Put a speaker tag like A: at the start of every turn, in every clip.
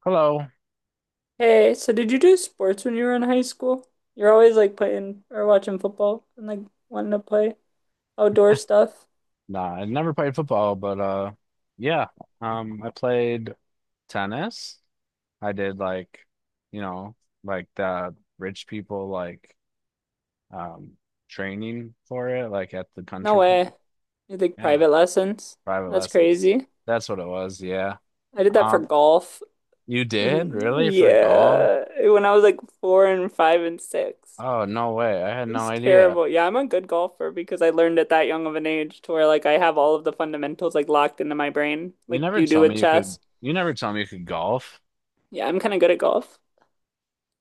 A: Hello.
B: Hey, so did you do sports when you were in high school? You're always like playing or watching football and like wanting to play outdoor stuff.
A: Nah, I never played football, but yeah. I played tennis. I did like you know, like the rich people like um training for it, like at the
B: No
A: country club.
B: way. You think
A: Yeah,
B: private lessons?
A: private
B: That's
A: lessons.
B: crazy.
A: That's what it was, yeah.
B: I did that for
A: Um
B: golf.
A: you did
B: Mm,
A: really for golf?
B: yeah, when I was like 4 and 5 and 6.
A: Oh, no way. I had
B: It
A: no
B: was
A: idea.
B: terrible. Yeah, I'm a good golfer because I learned at that young of an age to where like I have all of the fundamentals like locked into my brain,
A: You
B: like
A: never
B: you do
A: told
B: with
A: me you could
B: chess.
A: you never told me you could golf.
B: Yeah, I'm kind of good at golf.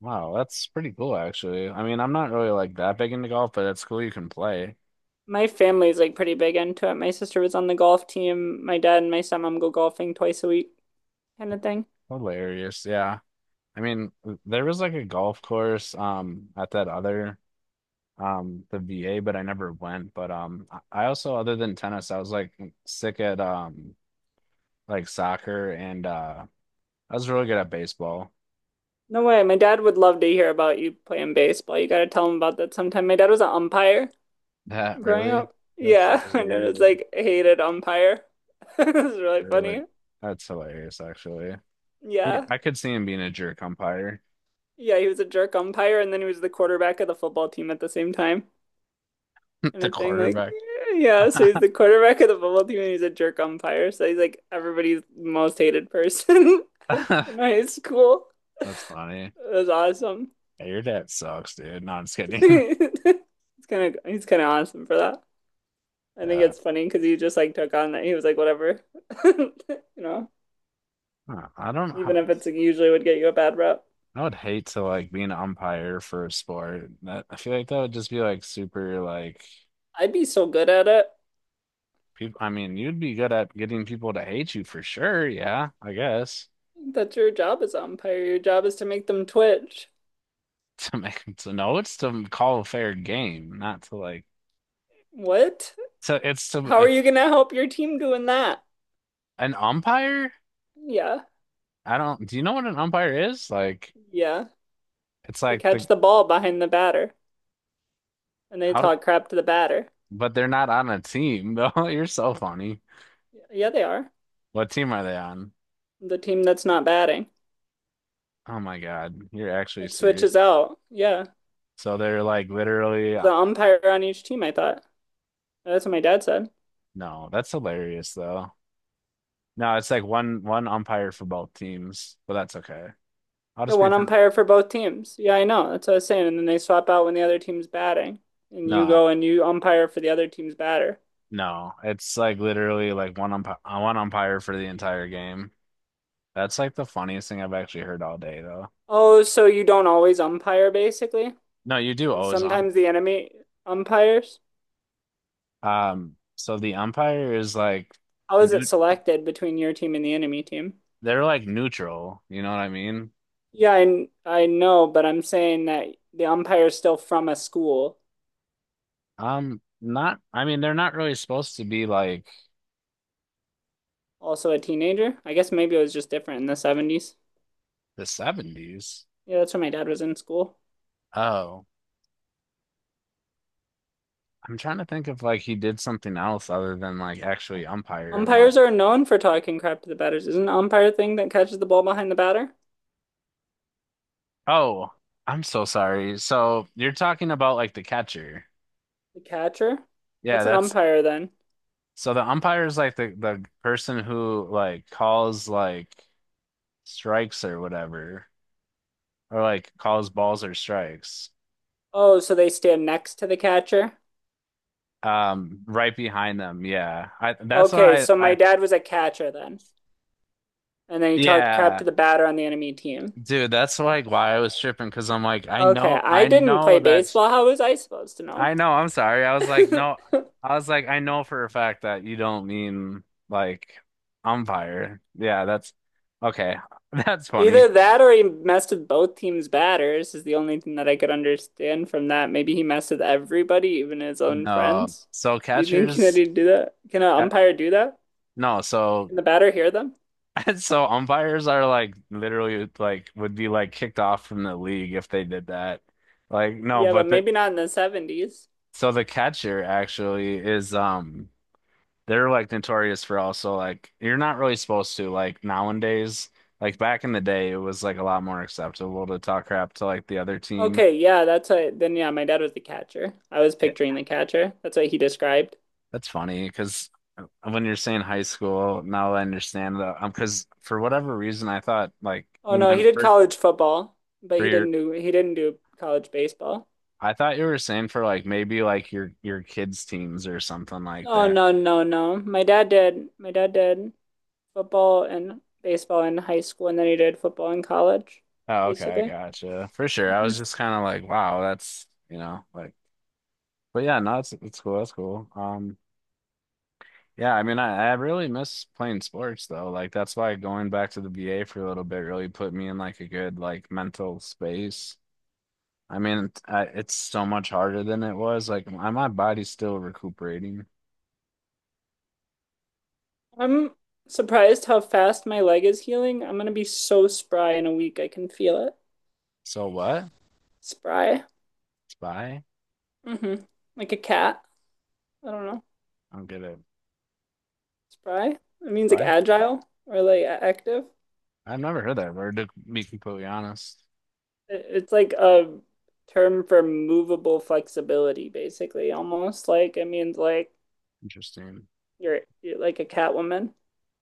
A: Wow, that's pretty cool actually. I mean, I'm not really like that big into golf, but it's cool you can play.
B: My family's like pretty big into it. My sister was on the golf team. My dad and my stepmom go golfing twice a week, kind of thing.
A: Hilarious. Yeah. I mean, there was like a golf course at that other the VA, but I never went. But I also, other than tennis, I was like sick at like soccer and I was really good at baseball.
B: No way. My dad would love to hear about you playing baseball. You got to tell him about that sometime. My dad was an umpire
A: That
B: growing
A: really?
B: up.
A: That's so
B: Yeah, and it
A: weird.
B: was like hated umpire. It was really
A: Really.
B: funny.
A: That's hilarious actually.
B: Yeah.
A: I could see him being a jerk umpire.
B: Yeah, he was a jerk umpire and then he was the quarterback of the football team at the same time. And
A: The
B: a thing like
A: quarterback.
B: yeah, so he's the quarterback of the football team and he's a jerk umpire. So he's like everybody's most hated person.
A: That's
B: in high school.
A: funny.
B: That's awesome.
A: Yeah, your dad sucks, dude. No, I'm just kidding.
B: It's kind of he's kind of awesome for that. I think
A: Yeah.
B: it's funny because he just like took on that he was like whatever, you know,
A: Huh, I don't know.
B: even if it's like, usually would get you a bad rep.
A: I would hate to like be an umpire for a sport. That, I feel like that would just be like super like
B: I'd be so good at it.
A: people. I mean, you'd be good at getting people to hate you for sure. Yeah, I guess.
B: That's your job as umpire. Your job is to make them twitch.
A: To know, it's to call a fair game, not to like.
B: What?
A: So it's to
B: How are you gonna help your team doing that?
A: an umpire.
B: Yeah,
A: I don't. Do you know what an umpire is? Like,
B: yeah.
A: it's
B: They
A: like the.
B: catch the ball behind the batter and they
A: how. do-
B: talk crap to the batter.
A: But they're not on a team though. You're so funny.
B: Yeah, they are.
A: What team are they on?
B: The team that's not batting.
A: Oh my God, you're actually
B: It
A: serious.
B: switches out. Yeah.
A: So they're like literally.
B: There's an umpire on each team, I thought. That's what my dad said.
A: No, that's hilarious though. No, it's like one umpire for both teams, but that's okay. I'll
B: Yeah,
A: just
B: one
A: pretend.
B: umpire for both teams. Yeah, I know. That's what I was saying. And then they swap out when the other team's batting. And you
A: No,
B: go and you umpire for the other team's batter.
A: no, it's like literally like one umpire for the entire game. That's like the funniest thing I've actually heard all day though.
B: Oh, so you don't always umpire, basically?
A: No, you do always.
B: Sometimes the enemy umpires?
A: So the umpire is like
B: How is it
A: new.
B: selected between your team and the enemy team?
A: They're like neutral. You know what I mean?
B: Yeah, I know, but I'm saying that the umpire is still from a school,
A: Not. I mean, they're not really supposed to be like
B: also a teenager. I guess maybe it was just different in the 70s.
A: the 70s.
B: Yeah, that's when my dad was in school.
A: Oh. I'm trying to think if like he did something else other than like actually umpire and like,
B: Umpires are known for talking crap to the batters. Isn't an umpire thing that catches the ball behind the batter?
A: oh, I'm so sorry. So you're talking about like the catcher.
B: The catcher?
A: Yeah,
B: What's an
A: that's.
B: umpire then?
A: So the umpire is like the person who like calls like strikes or whatever, or like calls balls or strikes.
B: Oh, so they stand next to the catcher?
A: Right behind them. Yeah. I That's
B: Okay,
A: why
B: so my
A: I
B: dad was a catcher then. And then he talked crap
A: yeah,
B: to the batter on the enemy team.
A: dude, that's like why I was tripping because I'm like, I
B: Okay,
A: know
B: I
A: I
B: didn't play
A: know that.
B: baseball. How was I supposed to know?
A: I know, I'm sorry. I was like, no, I was like, I know for a fact that you don't mean like umpire. Yeah, that's okay. That's funny.
B: Either that or he messed with both teams' batters is the only thing that I could understand from that. Maybe he messed with everybody, even his own
A: No.
B: friends.
A: So
B: Do you think that
A: catchers,
B: he'd do that? Can an
A: uh,
B: umpire do that?
A: no, so
B: Can the batter hear them?
A: so umpires are like literally like would be like kicked off from the league if they did that. Like no,
B: Yeah, but
A: but the
B: maybe not in the 70s.
A: so the catcher actually is. They're like notorious for also like you're not really supposed to like nowadays. Like back in the day, it was like a lot more acceptable to talk crap to like the other team.
B: Okay, yeah, that's what. Then, yeah, my dad was the catcher. I was
A: Yeah.
B: picturing the catcher. That's what he described.
A: That's funny because when you're saying high school, now I understand that, because for whatever reason, I thought like
B: Oh
A: you
B: no, he
A: meant
B: did
A: for
B: college football, but
A: for
B: he
A: your.
B: didn't do he didn't do college baseball.
A: I thought you were saying for like maybe like your kids' teams or something like
B: Oh
A: that.
B: no, no, no. My dad did football and baseball in high school, and then he did football in college,
A: Oh, okay, I
B: basically.
A: gotcha. For sure. I was
B: Mhm.
A: just kind of like, wow, that's, you know, like, but yeah, no, it's cool. That's cool. Yeah, I mean, I really miss playing sports though. Like that's why going back to the VA for a little bit really put me in like a good like mental space. I mean, it's so much harder than it was. Like my body's still recuperating.
B: I'm surprised how fast my leg is healing. I'm gonna be so spry in a week. I can feel it.
A: So what?
B: Spry.
A: Spy?
B: hmm Like a cat. I don't know.
A: I don't get it.
B: Spry? It means like
A: Spy?
B: agile or like active.
A: I've never heard that word, to be completely honest.
B: It's like a term for movable flexibility, basically, almost like it means like
A: Interesting.
B: you're like a Catwoman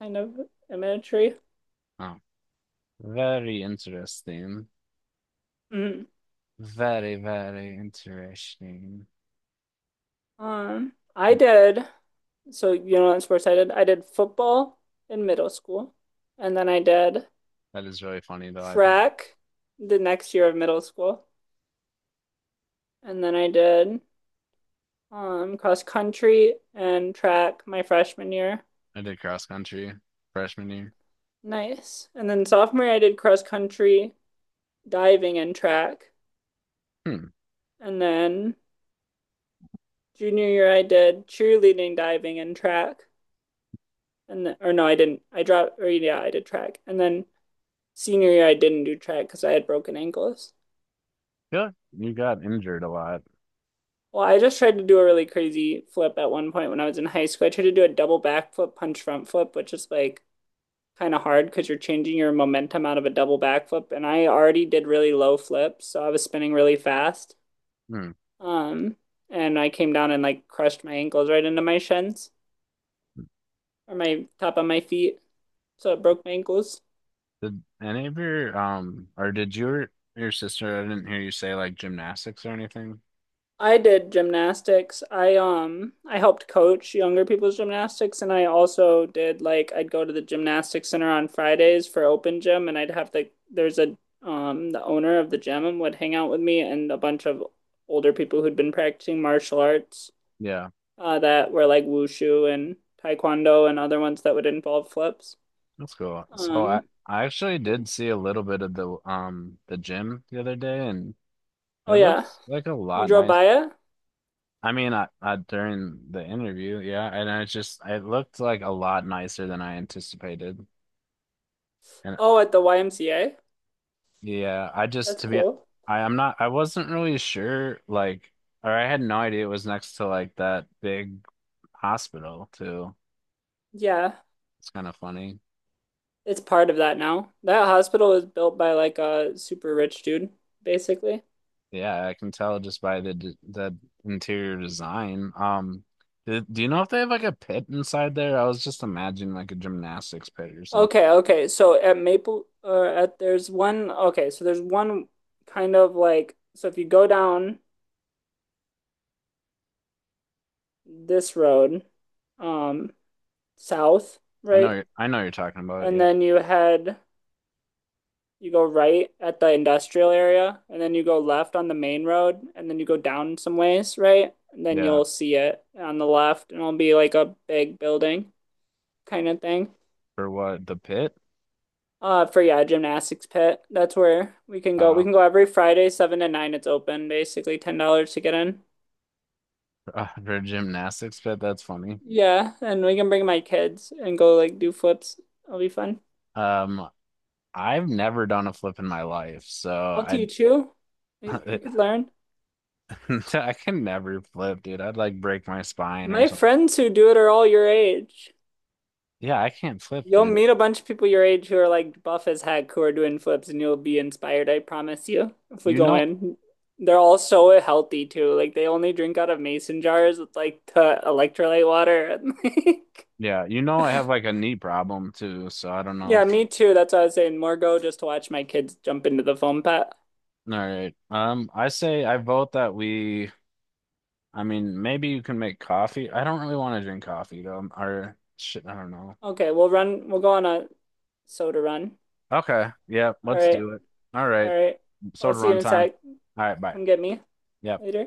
B: kind of imagery.
A: Oh, very interesting.
B: Mm.
A: Very, very interesting.
B: Um, I
A: Hmm,
B: did, so you know what sports I did? I did football in middle school, and then I did
A: that is really funny though. I think
B: track the next year of middle school, and then I did cross country and track my freshman year.
A: I did cross country freshman year.
B: Nice. And then sophomore year, I did cross country, diving, and track.
A: Hmm.
B: And then junior year, I did cheerleading, diving, and track. And then, or no, I didn't. I dropped, or yeah, I did track. And then senior year, I didn't do track because I had broken ankles.
A: Yeah, you got injured a lot.
B: Well, I just tried to do a really crazy flip at one point when I was in high school. I tried to do a double backflip, punch front flip, which is like kind of hard because you're changing your momentum out of a double backflip. And I already did really low flips, so I was spinning really fast.
A: Hmm.
B: Um, and I came down and like crushed my ankles right into my shins or my top of my feet, so it broke my ankles.
A: Did any of your or did your sister, I didn't hear you say like gymnastics or anything.
B: I did gymnastics. I helped coach younger people's gymnastics and I also did like I'd go to the gymnastics center on Fridays for open gym and I'd have the there's a the owner of the gym would hang out with me and a bunch of older people who'd been practicing martial arts
A: Yeah,
B: that were like wushu and taekwondo and other ones that would involve flips.
A: that's cool. So I
B: Um
A: I actually
B: yeah.
A: did see a little bit of the gym the other day, and
B: Oh
A: it
B: yeah.
A: looks like a
B: You
A: lot
B: drove
A: nice.
B: by it?
A: I mean, I during the interview, yeah, and I just it looked like a lot nicer than I anticipated. And
B: Oh, at the YMCA?
A: yeah, I just
B: That's
A: to be
B: cool.
A: I wasn't really sure like, or I had no idea it was next to like that big hospital too.
B: Yeah,
A: It's kind of funny.
B: it's part of that now. That hospital was built by like a super rich dude, basically.
A: Yeah, I can tell just by the d the interior design. Do you know if they have like a pit inside there? I was just imagining like a gymnastics pit or something.
B: Okay, okay. So at Maple or at there's one okay, so there's one kind of like so if you go down this road, um, south,
A: I know
B: right?
A: you're, I know you're talking about it.
B: And
A: Yeah,
B: then you go right at the industrial area, and then you go left on the main road, and then you go down some ways, right? And then
A: yeah.
B: you'll see it on the left, and it'll be like a big building kind of thing.
A: For what? The pit?
B: For yeah, gymnastics pit. That's where we can go. We
A: Uh,
B: can go every Friday, 7 to 9. It's open, basically $10 to get in.
A: for a gymnastics pit. That's funny.
B: Yeah, and we can bring my kids and go like do flips. It'll be fun.
A: Um, I've never done a flip in my life, so
B: I'll
A: I
B: teach you. You, you could learn.
A: I can never flip, dude. I'd like break my spine or
B: My
A: something.
B: friends who do it are all your age.
A: Yeah, I can't flip,
B: You'll
A: dude.
B: meet a bunch of people your age who are like buff as heck who are doing flips and you'll be inspired, I promise you, if we
A: You
B: go
A: know,
B: in. They're all so healthy too. Like they only drink out of mason jars with like the electrolyte water and like
A: yeah, you know I have like a knee problem too, so I don't know
B: Yeah,
A: if
B: me
A: that's.
B: too. That's what I was saying. More go just to watch my kids jump into the foam pit.
A: All right. I vote that we I mean, maybe you can make coffee. I don't really want to drink coffee though. Or shit, I don't know.
B: Okay, we'll go on a soda run.
A: Okay. Yeah,
B: All
A: let's
B: right.
A: do it. All
B: All
A: right.
B: right. I'll
A: Soda
B: see you
A: run
B: in a
A: time.
B: sec.
A: All right, bye.
B: Come get me
A: Yeah.
B: later.